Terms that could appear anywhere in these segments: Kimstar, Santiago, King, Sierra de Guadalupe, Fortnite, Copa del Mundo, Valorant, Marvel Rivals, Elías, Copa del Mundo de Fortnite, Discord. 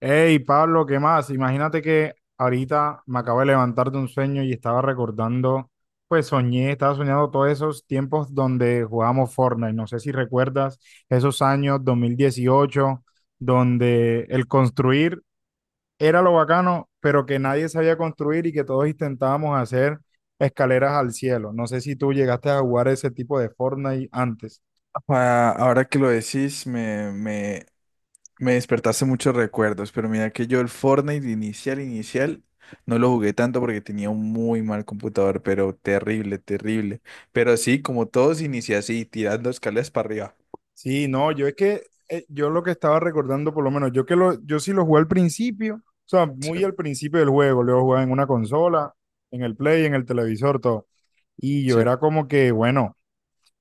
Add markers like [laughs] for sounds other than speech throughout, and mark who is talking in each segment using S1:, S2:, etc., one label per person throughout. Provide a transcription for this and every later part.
S1: Hey, Pablo, ¿qué más? Imagínate que ahorita me acabo de levantar de un sueño y estaba recordando, estaba soñando todos esos tiempos donde jugábamos Fortnite. ¿No sé si recuerdas esos años 2018, donde el construir era lo bacano, pero que nadie sabía construir y que todos intentábamos hacer escaleras al cielo? No sé si tú llegaste a jugar ese tipo de Fortnite antes.
S2: Ah, ahora que lo decís, me despertaste muchos recuerdos, pero mira que yo el Fortnite inicial, inicial, no lo jugué tanto porque tenía un muy mal computador, pero terrible, terrible. Pero sí, como todos, inicié así, tirando escaleras para arriba.
S1: Sí, no, yo lo que estaba recordando, por lo menos, yo sí lo jugué al principio, o sea,
S2: Sí,
S1: muy al principio del juego, lo jugaba en una consola, en el Play, en el televisor, todo. Y yo
S2: sí.
S1: era como que, bueno.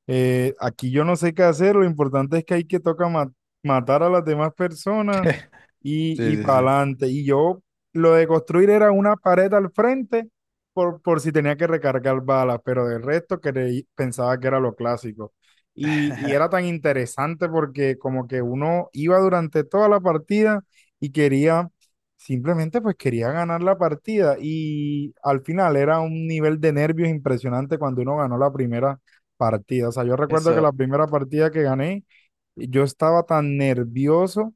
S1: Aquí yo no sé qué hacer, lo importante es que hay que matar a las demás personas
S2: [laughs]
S1: y, y
S2: Sí, sí,
S1: para
S2: sí.
S1: adelante. Y yo lo de construir era una pared al frente por si tenía que recargar balas, pero del resto pensaba que era lo clásico. Y era
S2: [laughs]
S1: tan interesante porque como que uno iba durante toda la partida y quería, simplemente pues quería ganar la partida y al final era un nivel de nervios impresionante cuando uno ganó la primera partidas. O sea, yo recuerdo que la
S2: Eso,
S1: primera partida que gané, yo estaba tan nervioso.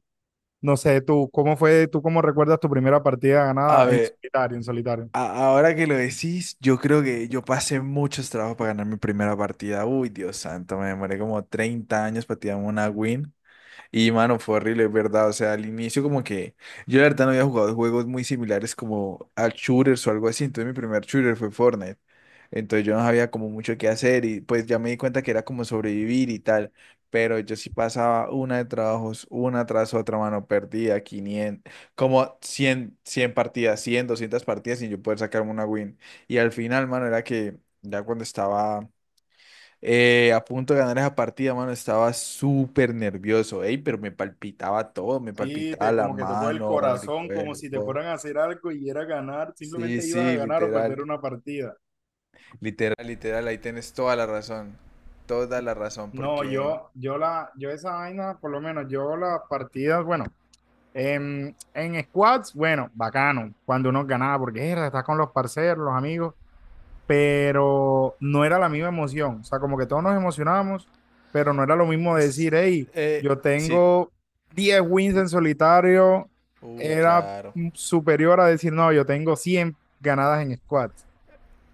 S1: No sé, tú, ¿cómo fue? ¿Tú cómo recuerdas tu primera partida
S2: a
S1: ganada en
S2: ver,
S1: solitario, en solitario?
S2: ahora que lo decís, yo creo que yo pasé muchos trabajos para ganar mi primera partida. Uy, Dios santo, me demoré como 30 años para tirarme una win. Y mano, fue horrible, es verdad. O sea, al inicio como que yo la verdad no había jugado juegos muy similares como a shooters o algo así. Entonces mi primer shooter fue Fortnite. Entonces yo no sabía como mucho qué hacer y pues ya me di cuenta que era como sobrevivir y tal. Pero yo sí pasaba una de trabajos, una tras otra, mano, perdía 500, como 100 100 partidas, 100 200 partidas sin yo poder sacarme una win. Y al final, mano, era que ya cuando estaba... a punto de ganar esa partida, mano, estaba súper nervioso, ey, pero me palpitaba todo, me
S1: Sí,
S2: palpitaba la
S1: como que tocó el
S2: mano, el
S1: corazón, como si te
S2: cuerpo.
S1: fueran a hacer algo y era ganar,
S2: Sí,
S1: simplemente ibas a
S2: sí,
S1: ganar o perder
S2: literal,
S1: una partida.
S2: literal, literal, ahí tienes toda la razón,
S1: No,
S2: porque...
S1: yo esa vaina, por lo menos yo las partidas, bueno, en squads, bueno, bacano, cuando uno ganaba, porque era, estás con los parceros, los amigos, pero no era la misma emoción. O sea, como que todos nos emocionábamos, pero no era lo mismo
S2: s-
S1: decir, hey,
S2: Eh,
S1: yo
S2: sí,
S1: tengo 10 wins en solitario, era
S2: claro.
S1: superior a decir, no, yo tengo 100 ganadas en squad.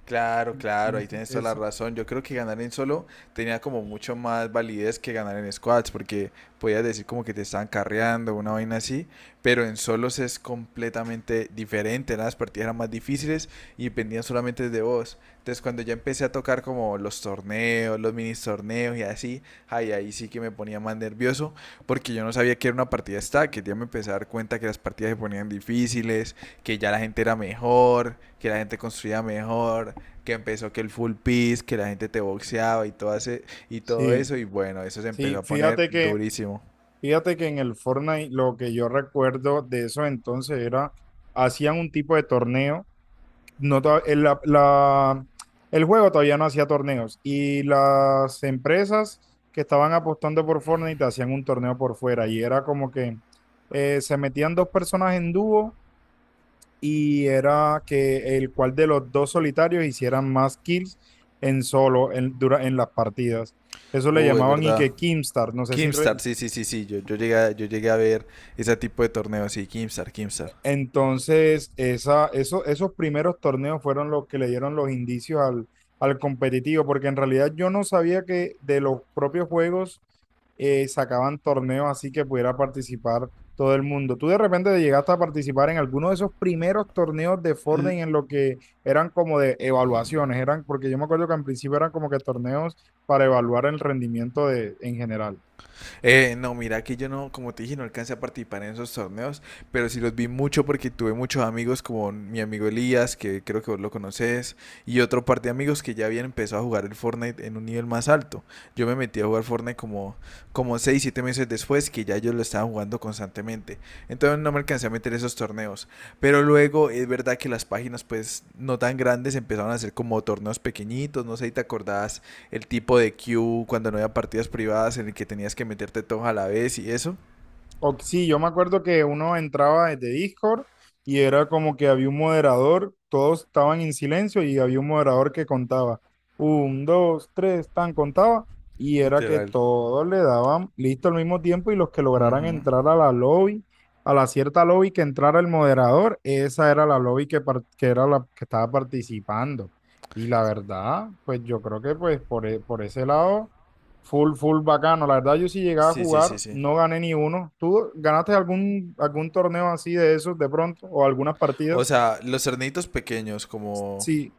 S2: Claro, claro, ahí
S1: Entonces,
S2: tienes toda la
S1: eso,
S2: razón. Yo creo que ganar en solo tenía como mucho más validez que ganar en squads, porque podías decir como que te estaban carreando, una vaina así, pero en solos es completamente diferente, las partidas eran más difíciles y dependían solamente de vos. Entonces cuando ya empecé a tocar como los torneos, los mini torneos y así, ay, ahí sí que me ponía más nervioso, porque yo no sabía que era una partida stack, que ya me empecé a dar cuenta que las partidas se ponían difíciles, que ya la gente era mejor, que la gente construía mejor que empezó que el full piece, que la gente te boxeaba y todo, y todo
S1: sí,
S2: eso, y bueno, eso se empezó
S1: sí,
S2: a poner durísimo.
S1: fíjate que en el Fortnite lo que yo recuerdo de eso entonces era, hacían un tipo de torneo no, el juego todavía no hacía torneos y las empresas que estaban apostando por Fortnite hacían un torneo por fuera y era como que se metían dos personas en dúo y era que el cual de los dos solitarios hicieran más kills en solo en las partidas. Eso le
S2: Es
S1: llamaban y
S2: verdad.
S1: que Kimstar, no sé si
S2: Kimstar,
S1: re-
S2: sí, sí, sí, sí, yo llegué a ver ese tipo de torneos, sí, Kimstar, Kimstar.
S1: Entonces, esos primeros torneos fueron los que le dieron los indicios al, al competitivo, porque en realidad yo no sabía que de los propios juegos sacaban torneos así que pudiera participar todo el mundo. ¿Tú de repente llegaste a participar en alguno de esos primeros torneos de Fortnite en lo que eran como de evaluaciones, eran porque yo me acuerdo que en principio eran como que torneos para evaluar el rendimiento de, en general?
S2: No, mira que yo no, como te dije, no alcancé a participar en esos torneos, pero sí los vi mucho porque tuve muchos amigos como mi amigo Elías, que creo que vos lo conoces, y otro par de amigos que ya habían empezado a jugar el Fortnite en un nivel más alto. Yo me metí a jugar Fortnite como, como 6 7 meses después que ya yo lo estaba jugando constantemente. Entonces no me alcancé a meter esos torneos. Pero luego es verdad que las páginas pues no tan grandes empezaron a hacer como torneos pequeñitos, no sé si te acordás el tipo de queue cuando no había partidas privadas en el que tenías que meterte todos a la vez y eso.
S1: Sí, yo me acuerdo que uno entraba desde Discord y era como que había un moderador, todos estaban en silencio y había un moderador que contaba. Un, dos, tres, tan contaba. Y era que
S2: Literal.
S1: todos le daban listo al mismo tiempo y los que lograran
S2: Ujú.
S1: entrar a la lobby, a la cierta lobby que entrara el moderador, esa era la lobby que, que era la que estaba participando. Y la verdad, pues yo creo que pues por ese lado. Full, full bacano. La verdad, yo sí llegaba a
S2: Sí, sí, sí,
S1: jugar,
S2: sí.
S1: no gané ni uno. ¿Tú ganaste algún, algún torneo así de esos de pronto o algunas
S2: O
S1: partidas?
S2: sea, los cernitos pequeños como
S1: Sí,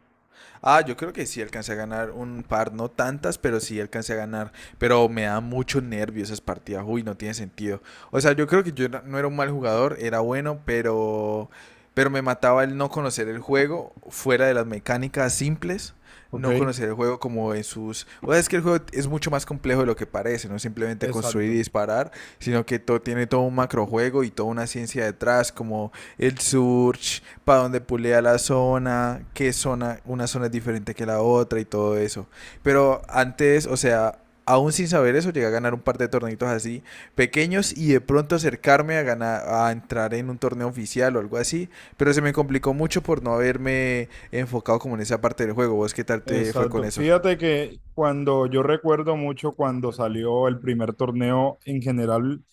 S2: Ah, yo creo que sí alcancé a ganar un par, no tantas, pero sí alcancé a ganar. Pero me da mucho nervio esas partidas. Uy, no tiene sentido. O sea, yo creo que yo no era un mal jugador, era bueno, pero me mataba el no conocer el juego fuera de las mecánicas simples.
S1: Ok,
S2: No conocer el juego como en sus... O sea, es que el juego es mucho más complejo de lo que parece, no simplemente construir y
S1: exacto,
S2: disparar, sino que tiene todo un macrojuego y toda una ciencia detrás, como el surge para dónde pulea la zona, qué zona, una zona es diferente que la otra y todo eso. Pero antes, o sea, aún sin saber eso, llegué a ganar un par de torneitos así pequeños y de pronto acercarme a ganar, a entrar en un torneo oficial o algo así, pero se me complicó mucho por no haberme enfocado como en esa parte del juego. ¿Vos qué tal te fue con
S1: exacto.
S2: eso?
S1: Fíjate que cuando yo recuerdo mucho cuando salió el primer torneo en general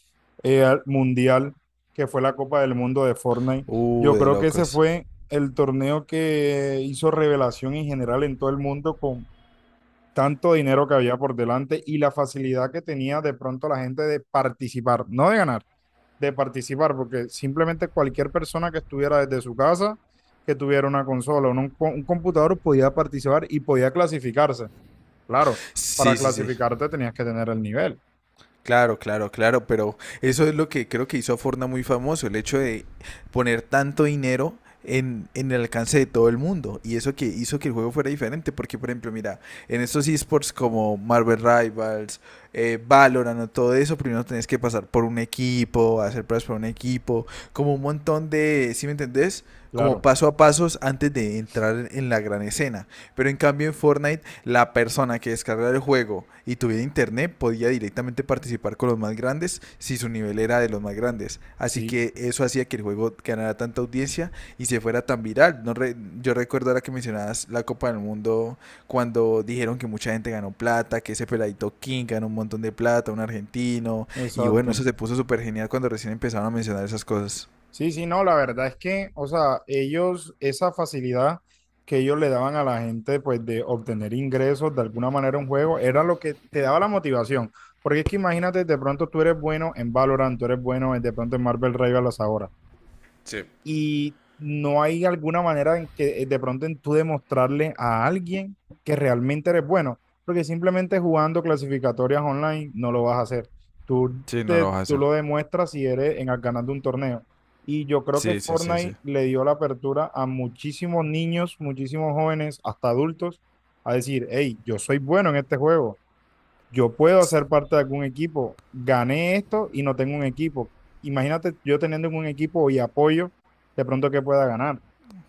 S1: mundial, que fue la Copa del Mundo de Fortnite, yo
S2: De
S1: creo que ese
S2: locos.
S1: fue el torneo que hizo revelación en general en todo el mundo con tanto dinero que había por delante y la facilidad que tenía de pronto la gente de participar, no de ganar, de participar, porque simplemente cualquier persona que estuviera desde su casa, que tuviera una consola o un computador, podía participar y podía clasificarse. Claro, para
S2: Sí, sí, sí.
S1: clasificarte tenías que tener el nivel,
S2: Claro, claro, claro, pero eso es lo que creo que hizo a Fortnite muy famoso, el hecho de poner tanto dinero en el alcance de todo el mundo. Y eso que hizo que el juego fuera diferente, porque por ejemplo, mira, en estos esports como Marvel Rivals, Valorant o todo eso, primero tenés que pasar por un equipo, hacer pruebas por un equipo, como un montón de, ¿sí me entendés? Como
S1: claro,
S2: paso a pasos antes de entrar en la gran escena. Pero en cambio en Fortnite la persona que descargara el juego y tuviera internet podía directamente participar con los más grandes si su nivel era de los más grandes. Así
S1: sí,
S2: que eso hacía que el juego ganara tanta audiencia y se fuera tan viral. No, yo recuerdo ahora que mencionabas la Copa del Mundo cuando dijeron que mucha gente ganó plata, que ese peladito King ganó un montón de plata, un argentino. Y bueno, eso
S1: exacto.
S2: se puso súper genial cuando recién empezaron a mencionar esas cosas.
S1: Sí, sí, no, la verdad es que, o sea, ellos, esa facilidad que ellos le daban a la gente, pues, de obtener ingresos de alguna manera un juego, era lo que te daba la motivación. Porque es que imagínate, de pronto tú eres bueno en Valorant, tú eres bueno en- de pronto en Marvel Rivals ahora y no hay alguna manera en que de pronto en tú demostrarle a alguien que realmente eres bueno, porque simplemente jugando clasificatorias online no lo vas a hacer.
S2: Sí, no lo vas a
S1: Tú
S2: hacer.
S1: lo demuestras si eres en al ganando un torneo. Y yo creo que
S2: Sí, sí, sí, sí.
S1: Fortnite le dio la apertura a muchísimos niños, muchísimos jóvenes, hasta adultos, a decir, hey, yo soy bueno en este juego, yo puedo hacer parte de algún equipo, gané esto y no tengo un equipo. Imagínate yo teniendo un equipo y apoyo, de pronto que pueda ganar.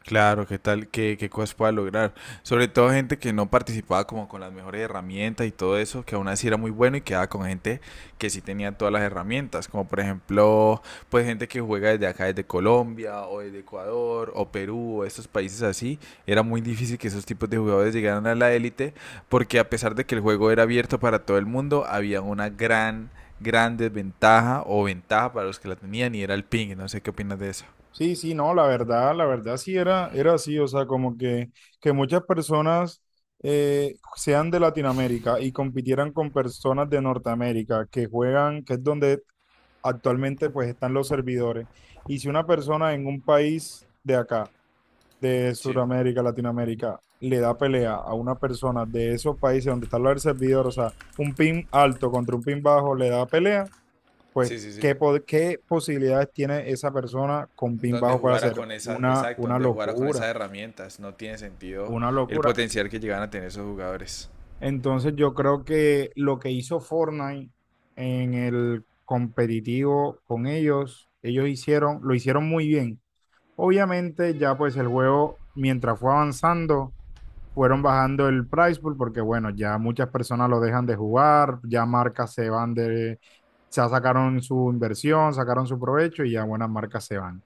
S2: Claro, qué tal, qué cosas pueda lograr. Sobre todo gente que no participaba como con las mejores herramientas y todo eso, que aún así era muy bueno y quedaba con gente que sí tenía todas las herramientas, como por ejemplo, pues gente que juega desde acá, desde Colombia o desde Ecuador o Perú o estos países así. Era muy difícil que esos tipos de jugadores llegaran a la élite porque a pesar de que el juego era abierto para todo el mundo, había una gran, gran desventaja o ventaja para los que la tenían y era el ping. No sé qué opinas de eso.
S1: Sí, sí, no, la verdad sí era, era así, o sea, como que muchas personas sean de Latinoamérica y compitieran con personas de Norteamérica que juegan, que es donde actualmente pues están los servidores. Y si una persona en un país de acá de
S2: Sí,
S1: Sudamérica, Latinoamérica, le da pelea a una persona de esos países donde está el servidor, o sea, un pin alto contra un pin bajo le da pelea, pues
S2: sí, sí, sí.
S1: ¿qué, qué posibilidades tiene esa persona con pin
S2: Donde
S1: bajo para
S2: jugara
S1: hacer?
S2: con esas, exacto,
S1: Una
S2: donde jugara con
S1: locura,
S2: esas herramientas. No tiene sentido
S1: una
S2: el
S1: locura.
S2: potencial que llegan a tener esos jugadores.
S1: Entonces yo creo que lo que hizo Fortnite en el competitivo con ellos, ellos hicieron, lo hicieron muy bien. Obviamente ya pues el juego mientras fue avanzando, fueron bajando el price pool porque, bueno, ya muchas personas lo dejan de jugar, ya marcas se van de, ya sacaron su inversión, sacaron su provecho y ya buenas marcas se van.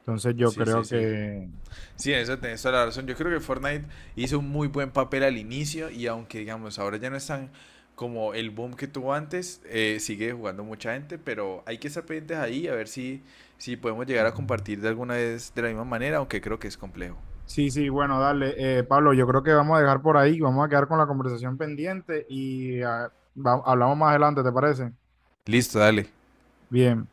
S1: Entonces yo
S2: Sí, sí,
S1: creo
S2: sí.
S1: que...
S2: Sí, en eso tenés toda la razón. Yo creo que Fortnite hizo un muy buen papel al inicio y aunque digamos ahora ya no están como el boom que tuvo antes, sigue jugando mucha gente, pero hay que estar pendientes ahí a ver si podemos llegar a compartir de alguna vez de la misma manera, aunque creo que es complejo.
S1: Sí, sí, bueno, dale. Pablo, yo creo que vamos a dejar por ahí, vamos a quedar con la conversación pendiente y hablamos más adelante, ¿te parece?
S2: Listo, dale.
S1: Bien.